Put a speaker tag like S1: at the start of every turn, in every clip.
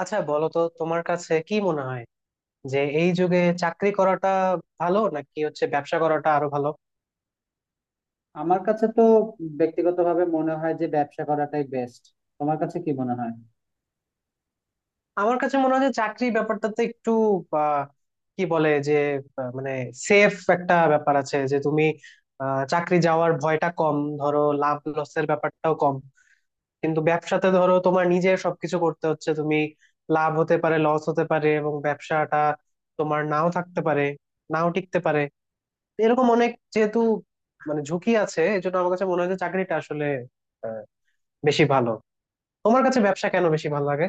S1: আচ্ছা বলো তো তোমার কাছে কি মনে হয় যে এই যুগে চাকরি করাটা ভালো নাকি হচ্ছে ব্যবসা করাটা আরো ভালো?
S2: আমার কাছে তো ব্যক্তিগতভাবে মনে হয় যে ব্যবসা করাটাই বেস্ট। তোমার কাছে কি মনে হয়?
S1: আমার কাছে মনে হয় যে চাকরি ব্যাপারটাতে একটু আহ, কি বলে যে মানে সেফ একটা ব্যাপার আছে, যে তুমি চাকরি যাওয়ার ভয়টা কম, ধরো লাভ লসের ব্যাপারটাও কম। কিন্তু ব্যবসাতে ধরো তোমার নিজের সবকিছু করতে হচ্ছে, তুমি লাভ হতে পারে লস হতে পারে এবং ব্যবসাটা তোমার নাও থাকতে পারে, নাও টিকতে পারে, এরকম অনেক যেহেতু মানে ঝুঁকি আছে, এই জন্য আমার কাছে মনে হয় যে চাকরিটা আসলে আহ, বেশি ভালো। তোমার কাছে ব্যবসা কেন বেশি ভালো লাগে?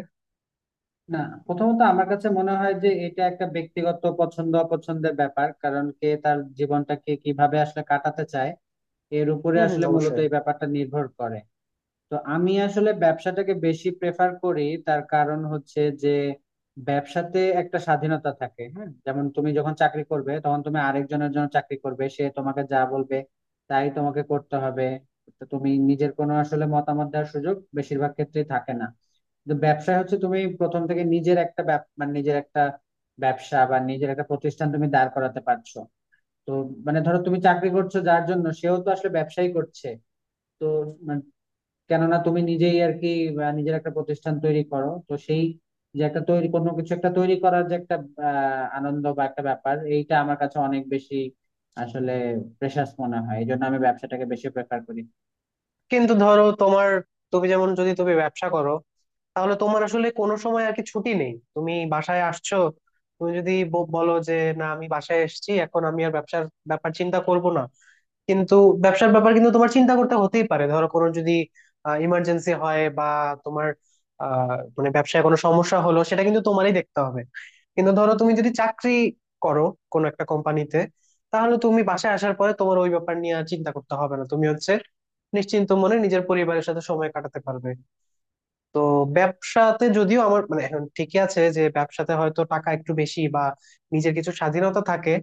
S2: না, প্রথমত আমার কাছে মনে হয় যে এটা একটা ব্যক্তিগত পছন্দ অপছন্দের ব্যাপার। কারণ কে তার জীবনটাকে কিভাবে আসলে কাটাতে চায় এর উপরে
S1: হম হম,
S2: আসলে মূলত
S1: অবশ্যই।
S2: এই ব্যাপারটা নির্ভর করে। তো আমি আসলে ব্যবসাটাকে বেশি প্রেফার করি। তার কারণ হচ্ছে যে ব্যবসাতে একটা স্বাধীনতা থাকে। হ্যাঁ, যেমন তুমি যখন চাকরি করবে তখন তুমি আরেকজনের জন্য চাকরি করবে, সে তোমাকে যা বলবে তাই তোমাকে করতে হবে। তো তুমি নিজের কোনো আসলে মতামত দেওয়ার সুযোগ বেশিরভাগ ক্ষেত্রেই থাকে না। কিন্তু ব্যবসায় হচ্ছে তুমি প্রথম থেকে নিজের একটা ব্যব- মানে নিজের একটা ব্যবসা বা নিজের একটা প্রতিষ্ঠান তুমি দাঁড় করাতে পারছো। তো মানে ধরো তুমি চাকরি করছো যার জন্য, সেও তো আসলে ব্যবসাই করছে। তো কেননা তুমি নিজেই আর কি নিজের একটা প্রতিষ্ঠান তৈরি করো, তো সেই যে একটা তৈরি কোনো কিছু একটা তৈরি করার যে একটা আনন্দ বা একটা ব্যাপার, এইটা আমার কাছে অনেক বেশি আসলে প্রেশাস মনে হয়। এই জন্য আমি ব্যবসাটাকে বেশি প্রেফার করি।
S1: কিন্তু ধরো তোমার, তুমি যেমন যদি তুমি ব্যবসা করো তাহলে তোমার আসলে কোনো সময় আর কি, ছুটি নেই। তুমি বাসায় আসছো, তুমি যদি বলো যে না, আমি বাসায় এসেছি, এখন আমি আর ব্যবসার ব্যাপার চিন্তা করব না, কিন্তু ব্যবসার ব্যাপার কিন্তু তোমার চিন্তা করতে হতেই পারে। ধরো কোনো যদি ইমার্জেন্সি হয় বা তোমার আহ, মানে ব্যবসায় কোনো সমস্যা হলো, সেটা কিন্তু তোমারই দেখতে হবে। কিন্তু ধরো তুমি যদি চাকরি করো কোনো একটা কোম্পানিতে, তাহলে তুমি বাসায় আসার পরে তোমার ওই ব্যাপার নিয়ে আর চিন্তা করতে হবে না, তুমি হচ্ছে নিশ্চিন্ত মনে নিজের পরিবারের সাথে সময় কাটাতে পারবে। তো ব্যবসাতে যদিও আমার মানে এখন ঠিকই আছে যে ব্যবসাতে হয়তো টাকা একটু বেশি বা নিজের কিছু স্বাধীনতা থাকে,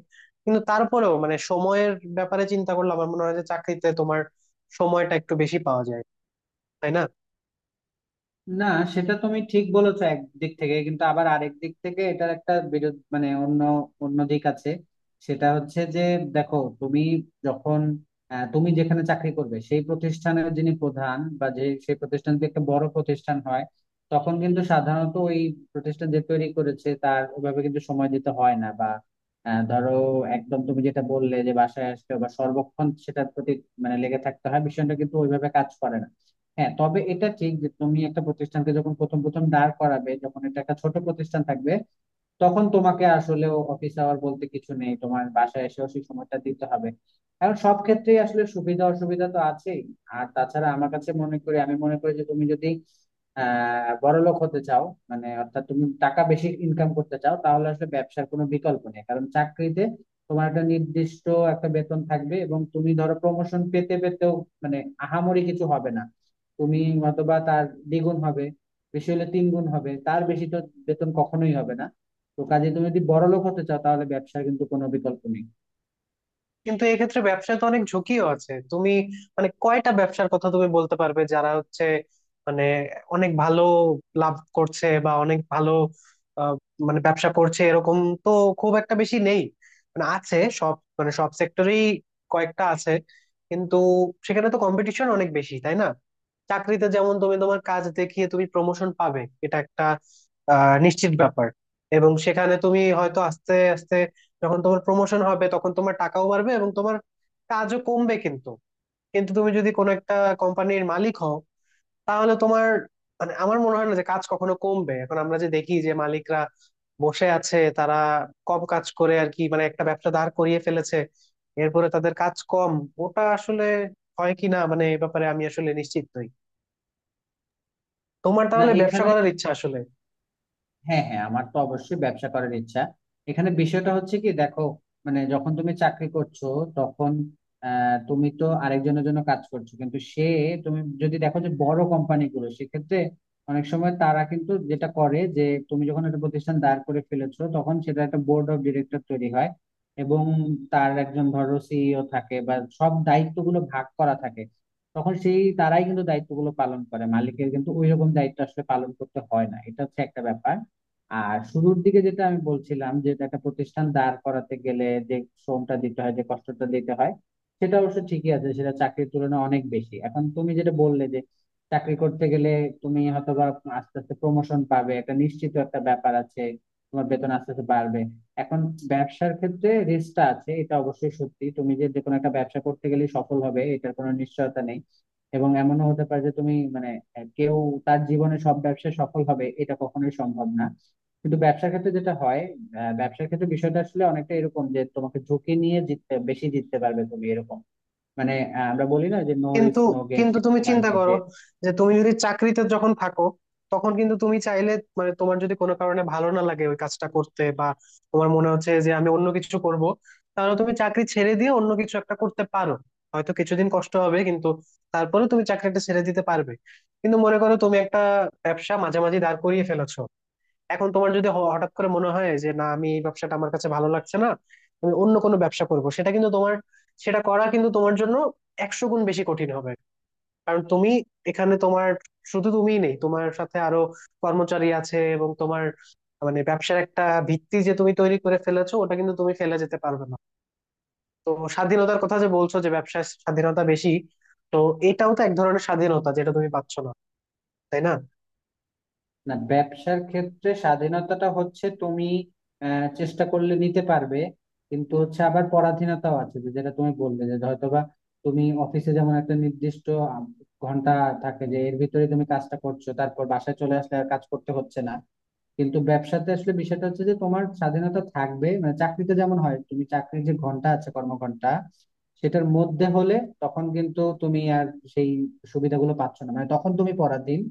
S1: কিন্তু তারপরেও মানে সময়ের ব্যাপারে চিন্তা করলে আমার মনে হয় যে চাকরিতে তোমার সময়টা একটু বেশি পাওয়া যায়, তাই না?
S2: না, সেটা তুমি ঠিক বলেছো একদিক থেকে, কিন্তু আবার আরেক দিক থেকে এটার একটা বিরোধ মানে অন্য অন্য দিক আছে। সেটা হচ্ছে যে দেখো তুমি যখন তুমি যেখানে চাকরি করবে সেই প্রতিষ্ঠানের যিনি প্রধান বা যে সেই প্রতিষ্ঠান যদি একটা বড় প্রতিষ্ঠান হয়, তখন কিন্তু সাধারণত ওই প্রতিষ্ঠান যে তৈরি করেছে তার ওভাবে কিন্তু সময় দিতে হয় না বা ধরো একদম তুমি যেটা বললে যে বাসায় আসলে বা সর্বক্ষণ সেটার প্রতি মানে লেগে থাকতে হয়, বিষয়টা কিন্তু ওইভাবে কাজ করে না। হ্যাঁ, তবে এটা ঠিক যে তুমি একটা প্রতিষ্ঠানকে যখন প্রথম প্রথম দাঁড় করাবে, যখন এটা একটা ছোট প্রতিষ্ঠান থাকবে, তখন তোমাকে আসলেও অফিস আওয়ার বলতে কিছু নেই, তোমার বাসায় এসেও সেই সময়টা দিতে হবে। এখন সব ক্ষেত্রেই আসলে সুবিধা অসুবিধা তো আছেই। আর তাছাড়া আমার কাছে মনে করি, আমি মনে করি যে তুমি যদি বড়লোক হতে চাও, মানে অর্থাৎ তুমি টাকা বেশি ইনকাম করতে চাও, তাহলে আসলে ব্যবসার কোনো বিকল্প নেই। কারণ চাকরিতে তোমার একটা নির্দিষ্ট একটা বেতন থাকবে, এবং তুমি ধরো প্রমোশন পেতে পেতেও মানে আহামরি কিছু হবে না। তুমি হয়তোবা তার দ্বিগুণ হবে, বেশি হলে তিন গুণ হবে, তার বেশি তো বেতন কখনোই হবে না। তো কাজে তুমি যদি বড়লোক হতে চাও তাহলে ব্যবসার কিন্তু কোনো বিকল্প নেই।
S1: কিন্তু এক্ষেত্রে ব্যবসায় তো অনেক ঝুঁকিও আছে। তুমি মানে কয়টা ব্যবসার কথা তুমি বলতে পারবে যারা হচ্ছে মানে অনেক ভালো লাভ করছে বা অনেক ভালো আহ, মানে ব্যবসা করছে? এরকম তো খুব একটা বেশি নেই। মানে আছে, সব মানে সব সেক্টরেই কয়েকটা আছে, কিন্তু সেখানে তো কম্পিটিশন অনেক বেশি, তাই না? চাকরিতে যেমন তুমি তোমার কাজ দেখিয়ে তুমি প্রমোশন পাবে, এটা একটা নিশ্চিত ব্যাপার। এবং সেখানে তুমি হয়তো আস্তে আস্তে যখন তোমার প্রমোশন হবে তখন তোমার টাকাও বাড়বে এবং তোমার কাজও কমবে, কিন্তু কিন্তু তুমি যদি কোনো একটা কোম্পানির মালিক হও তাহলে তোমার মানে আমার মনে হয় না যে কাজ কখনো কমবে। এখন আমরা যে দেখি যে মালিকরা বসে আছে, তারা কম কাজ করে আর কি, মানে একটা ব্যবসা দাঁড় করিয়ে ফেলেছে এরপরে তাদের কাজ কম, ওটা আসলে হয় কি না মানে এ ব্যাপারে আমি আসলে নিশ্চিত নই। তোমার
S2: না
S1: তাহলে ব্যবসা
S2: এখানে,
S1: করার ইচ্ছা আসলে।
S2: হ্যাঁ হ্যাঁ, আমার তো অবশ্যই ব্যবসা করার ইচ্ছা। এখানে বিষয়টা হচ্ছে কি, দেখো, মানে যখন তুমি চাকরি করছো তখন তুমি তো আরেকজনের জন্য কাজ করছো, কিন্তু সে তুমি যদি দেখো যে বড় কোম্পানিগুলো সেক্ষেত্রে অনেক সময় তারা কিন্তু যেটা করে যে তুমি যখন একটা প্রতিষ্ঠান দাঁড় করে ফেলেছো তখন সেটা একটা বোর্ড অফ ডিরেক্টর তৈরি হয়। এবং তার একজন ধরো সিইও থাকে বা সব দায়িত্বগুলো ভাগ করা থাকে, তখন সেই তারাই কিন্তু দায়িত্বগুলো পালন করে, মালিকের কিন্তু ওইরকম দায়িত্ব আসলে পালন করতে হয় না। এটা হচ্ছে একটা ব্যাপার। আর শুরুর দিকে যেটা আমি বলছিলাম যে একটা প্রতিষ্ঠান দাঁড় করাতে গেলে যে শ্রমটা দিতে হয়, যে কষ্টটা দিতে হয়, সেটা অবশ্য ঠিকই আছে, সেটা চাকরির তুলনায় অনেক বেশি। এখন তুমি যেটা বললে যে চাকরি করতে গেলে তুমি হয়তো বা আস্তে আস্তে প্রমোশন পাবে, একটা নিশ্চিত একটা ব্যাপার আছে, তোমার বেতন আস্তে আস্তে বাড়বে। এখন ব্যবসার ক্ষেত্রে রিস্কটা আছে, এটা অবশ্যই সত্যি। তুমি যে যে কোনো একটা ব্যবসা করতে গেলে সফল হবে এটার কোনো নিশ্চয়তা নেই। এবং এমনও হতে পারে যে তুমি মানে কেউ তার জীবনে সব ব্যবসায় সফল হবে এটা কখনোই সম্ভব না। কিন্তু ব্যবসার ক্ষেত্রে যেটা হয়, ব্যবসার ক্ষেত্রে বিষয়টা আসলে অনেকটা এরকম যে তোমাকে ঝুঁকি নিয়ে জিততে, বেশি জিততে পারবে তুমি। এরকম মানে আমরা বলি না যে নো
S1: কিন্তু
S2: রিস্ক নো গেইন,
S1: কিন্তু তুমি
S2: সেরকম আর
S1: চিন্তা
S2: কি। যে
S1: করো যে তুমি যদি চাকরিতে যখন থাকো তখন কিন্তু তুমি চাইলে মানে তোমার যদি কোনো কারণে ভালো না লাগে ওই কাজটা করতে, বা তোমার মনে হচ্ছে যে আমি অন্য কিছু করব, তাহলে তুমি চাকরি ছেড়ে দিয়ে অন্য কিছু একটা করতে পারো। হয়তো কিছুদিন কষ্ট হবে, কিন্তু তারপরে তুমি চাকরিটা ছেড়ে দিতে পারবে। কিন্তু মনে করো তুমি একটা ব্যবসা মাঝামাঝি দাঁড় করিয়ে ফেলেছো, এখন তোমার যদি হঠাৎ করে মনে হয় যে না, আমি এই ব্যবসাটা আমার কাছে ভালো লাগছে না, আমি অন্য কোনো ব্যবসা করব, সেটা কিন্তু তোমার, সেটা করা কিন্তু তোমার জন্য 100 গুণ বেশি কঠিন হবে। কারণ তুমি, এখানে তোমার শুধু তুমিই নেই, তোমার সাথে আরো কর্মচারী আছে এবং তোমার মানে ব্যবসার একটা ভিত্তি যে তুমি তৈরি করে ফেলেছো ওটা কিন্তু তুমি ফেলে যেতে পারবে না। তো স্বাধীনতার কথা যে বলছো যে ব্যবসায় স্বাধীনতা বেশি, তো এটাও তো এক ধরনের স্বাধীনতা যেটা তুমি পাচ্ছ না, তাই না?
S2: না, ব্যবসার ক্ষেত্রে স্বাধীনতাটা হচ্ছে তুমি চেষ্টা করলে নিতে পারবে, কিন্তু হচ্ছে আবার পরাধীনতাও আছে। যে যেটা তুমি বললে যে হয়তোবা তুমি অফিসে যেমন একটা নির্দিষ্ট আহ, ঘন্টা থাকে যে এর ভিতরে তুমি কাজটা করছো, তারপর বাসায় চলে আসলে আর কাজ করতে হচ্ছে না। কিন্তু ব্যবসাতে আসলে বিষয়টা হচ্ছে যে তোমার স্বাধীনতা থাকবে, মানে চাকরিতে যেমন হয় তুমি চাকরির যে ঘন্টা আছে, কর্মঘন্টা, সেটার মধ্যে হলে তখন কিন্তু তুমি আর সেই সুবিধাগুলো পাচ্ছ না, মানে তখন তুমি পরাধীন।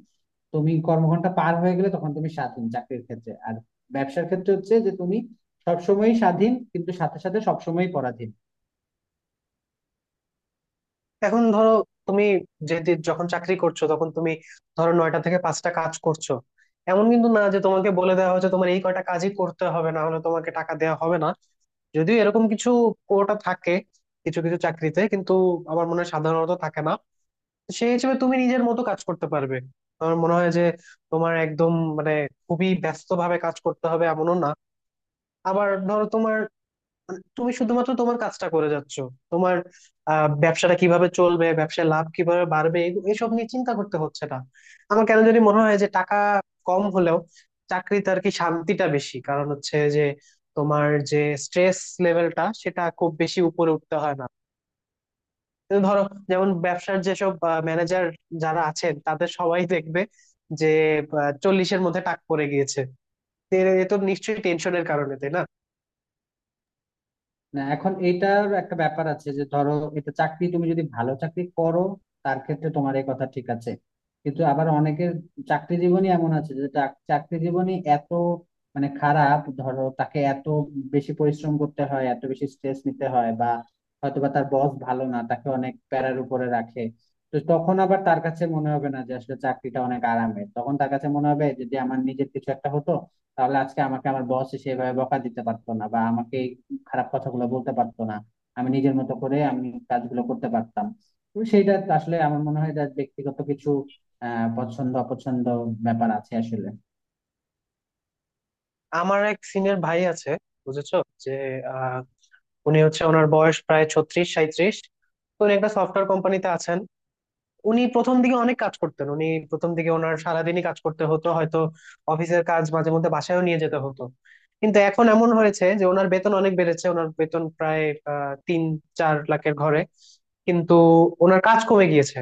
S2: তুমি কর্মঘন্টা পার হয়ে গেলে তখন তুমি স্বাধীন চাকরির ক্ষেত্রে। আর ব্যবসার ক্ষেত্রে হচ্ছে যে তুমি সবসময়ই স্বাধীন, কিন্তু সাথে সাথে সবসময়ই পরাধীন।
S1: এখন ধরো তুমি, যেহেতু যখন চাকরি করছো তখন তুমি ধরো 9টা থেকে 5টা কাজ করছো, এমন কিন্তু না যে তোমাকে বলে দেওয়া হয়েছে তোমার এই কয়টা কাজই করতে হবে, না হলে তোমাকে টাকা দেওয়া হবে না। যদিও এরকম কিছু কোটা থাকে কিছু কিছু চাকরিতে, কিন্তু আমার মনে হয় সাধারণত থাকে না। তো সেই হিসেবে তুমি নিজের মতো কাজ করতে পারবে, আমার মনে হয় যে তোমার একদম মানে খুবই ব্যস্ত ভাবে কাজ করতে হবে এমনও না। আবার ধরো তোমার মানে তুমি শুধুমাত্র তোমার কাজটা করে যাচ্ছ, তোমার ব্যবসাটা কিভাবে চলবে, ব্যবসায় লাভ কিভাবে বাড়বে, এসব নিয়ে চিন্তা করতে হচ্ছে না। আমার কেন জানি মনে হয় যে টাকা কম হলেও চাকরিতে আর কি শান্তিটা বেশি, কারণ হচ্ছে যে তোমার যে স্ট্রেস লেভেলটা, সেটা খুব বেশি উপরে উঠতে হয় না। তো ধরো, যেমন ব্যবসার যেসব ম্যানেজার যারা আছেন তাদের সবাই দেখবে যে 40-এর মধ্যে টাক পড়ে গিয়েছে, তো এ এ তো নিশ্চয়ই টেনশনের কারণে, তাই না?
S2: না এখন এইটার একটা ব্যাপার আছে যে ধরো এটা চাকরি, তুমি যদি ভালো চাকরি করো তার ক্ষেত্রে তোমার এই কথা ঠিক আছে। কিন্তু আবার অনেকের চাকরি জীবনই এমন আছে যে চাকরি জীবনই এত মানে খারাপ, ধরো তাকে এত বেশি পরিশ্রম করতে হয়, এত বেশি স্ট্রেস নিতে হয়, বা হয়তোবা তার বস ভালো না, তাকে অনেক প্যারার উপরে রাখে। তো তখন আবার তার কাছে মনে হবে না যে আসলে চাকরিটা অনেক আরামের, তখন তার কাছে মনে হবে যদি আমার নিজের কিছু একটা হতো তাহলে আজকে আমাকে আমার বস সেভাবে বকা দিতে পারতো না, বা আমাকে খারাপ কথাগুলো বলতে পারতো না, আমি নিজের মতো করে আমি কাজগুলো করতে পারতাম। তো সেইটা আসলে আমার মনে হয় যে ব্যক্তিগত কিছু পছন্দ অপছন্দ ব্যাপার আছে আসলে।
S1: আমার এক সিনিয়র ভাই আছে, বুঝেছো? যে আহ, উনি হচ্ছে ওনার বয়স প্রায় 36-37। তো উনি একটা সফটওয়্যার কোম্পানিতে আছেন। উনি প্রথম দিকে অনেক কাজ করতেন, উনি প্রথম দিকে ওনার সারাদিনই কাজ করতে হতো, হয়তো অফিসের কাজ মাঝে মধ্যে বাসায়ও নিয়ে যেতে হতো। কিন্তু এখন এমন হয়েছে যে ওনার বেতন অনেক বেড়েছে, ওনার বেতন প্রায় 3-4 লাখের ঘরে। কিন্তু ওনার কাজ কমে গিয়েছে।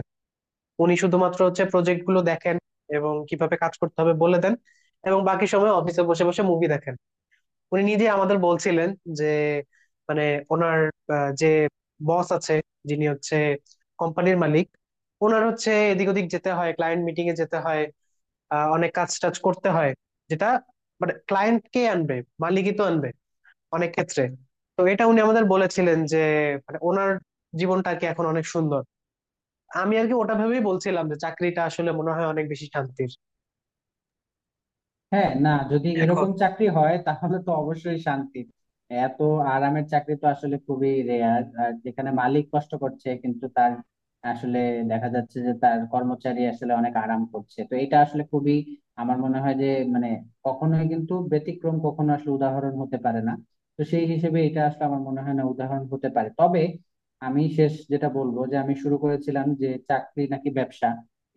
S1: উনি শুধুমাত্র হচ্ছে প্রজেক্ট গুলো দেখেন এবং কিভাবে কাজ করতে হবে বলে দেন, এবং বাকি সময় অফিসে বসে বসে মুভি দেখেন। উনি নিজে আমাদের বলছিলেন যে মানে ওনার যে বস আছে, যিনি হচ্ছে কোম্পানির মালিক, ওনার হচ্ছে এদিক ওদিক যেতে হয়, ক্লায়েন্ট মিটিং এ যেতে হয়, অনেক কাজ টাজ করতে হয়, যেটা মানে ক্লায়েন্ট কে আনবে, মালিকই তো আনবে অনেক ক্ষেত্রে। তো এটা উনি আমাদের বলেছিলেন যে মানে ওনার জীবনটা আর কি এখন অনেক সুন্দর। আমি আর কি ওটা ভেবেই বলছিলাম যে চাকরিটা আসলে মনে হয় অনেক বেশি শান্তির।
S2: হ্যাঁ না, যদি
S1: এখন
S2: এরকম চাকরি হয় তাহলে তো অবশ্যই শান্তি। এত আরামের চাকরি তো আসলে খুবই রেয়ার, আর যেখানে মালিক কষ্ট করছে কিন্তু তার আসলে দেখা যাচ্ছে যে তার কর্মচারী আসলে অনেক আরাম করছে, তো এটা আসলে খুবই, আমার মনে হয় যে মানে কখনোই কিন্তু ব্যতিক্রম কখনো আসলে উদাহরণ হতে পারে না। তো সেই হিসেবে এটা আসলে আমার মনে হয় না উদাহরণ হতে পারে। তবে আমি শেষ যেটা বলবো যে আমি শুরু করেছিলাম যে চাকরি নাকি ব্যবসা,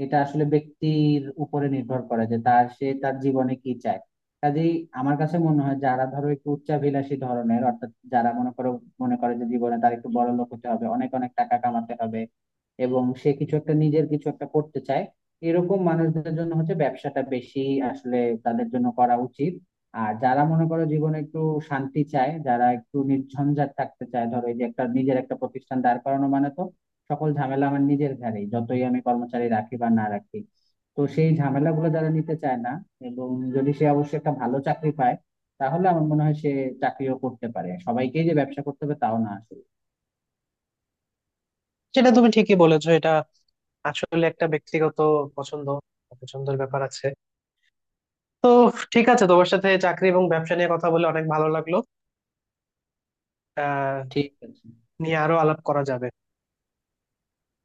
S2: এটা আসলে ব্যক্তির উপরে নির্ভর করে যে তার সে তার জীবনে কি চায়। কাজেই আমার কাছে মনে হয় যারা ধরো একটু উচ্চাভিলাষী ধরনের, অর্থাৎ যারা মনে করো মনে করে যে জীবনে তার একটু বড় লোক হতে হবে, অনেক অনেক টাকা কামাতে হবে, এবং সে কিছু একটা নিজের কিছু একটা করতে চায়, এরকম মানুষদের জন্য হচ্ছে ব্যবসাটা বেশি আসলে তাদের জন্য করা উচিত। আর যারা মনে করো জীবনে একটু শান্তি চায়, যারা একটু নির্ঝঞ্ঝাট থাকতে চায়, ধরো এই যে একটা নিজের একটা প্রতিষ্ঠান দাঁড় করানো মানে তো সকল ঝামেলা আমার নিজের ঘাড়ে, যতই আমি কর্মচারী রাখি বা না রাখি, তো সেই ঝামেলাগুলো যারা নিতে চায় না, এবং যদি সে অবশ্যই একটা ভালো চাকরি পায়, তাহলে আমার মনে হয় সে চাকরিও করতে পারে। সবাইকেই যে ব্যবসা করতে হবে তাও না আসলে।
S1: সেটা তুমি ঠিকই বলেছো, এটা আসলে একটা ব্যক্তিগত পছন্দ পছন্দের ব্যাপার আছে। তো ঠিক আছে, তোমার সাথে চাকরি এবং ব্যবসা নিয়ে কথা বলে অনেক ভালো লাগলো। আহ
S2: ঠিক আছে।
S1: নিয়ে আরো আলাপ করা যাবে।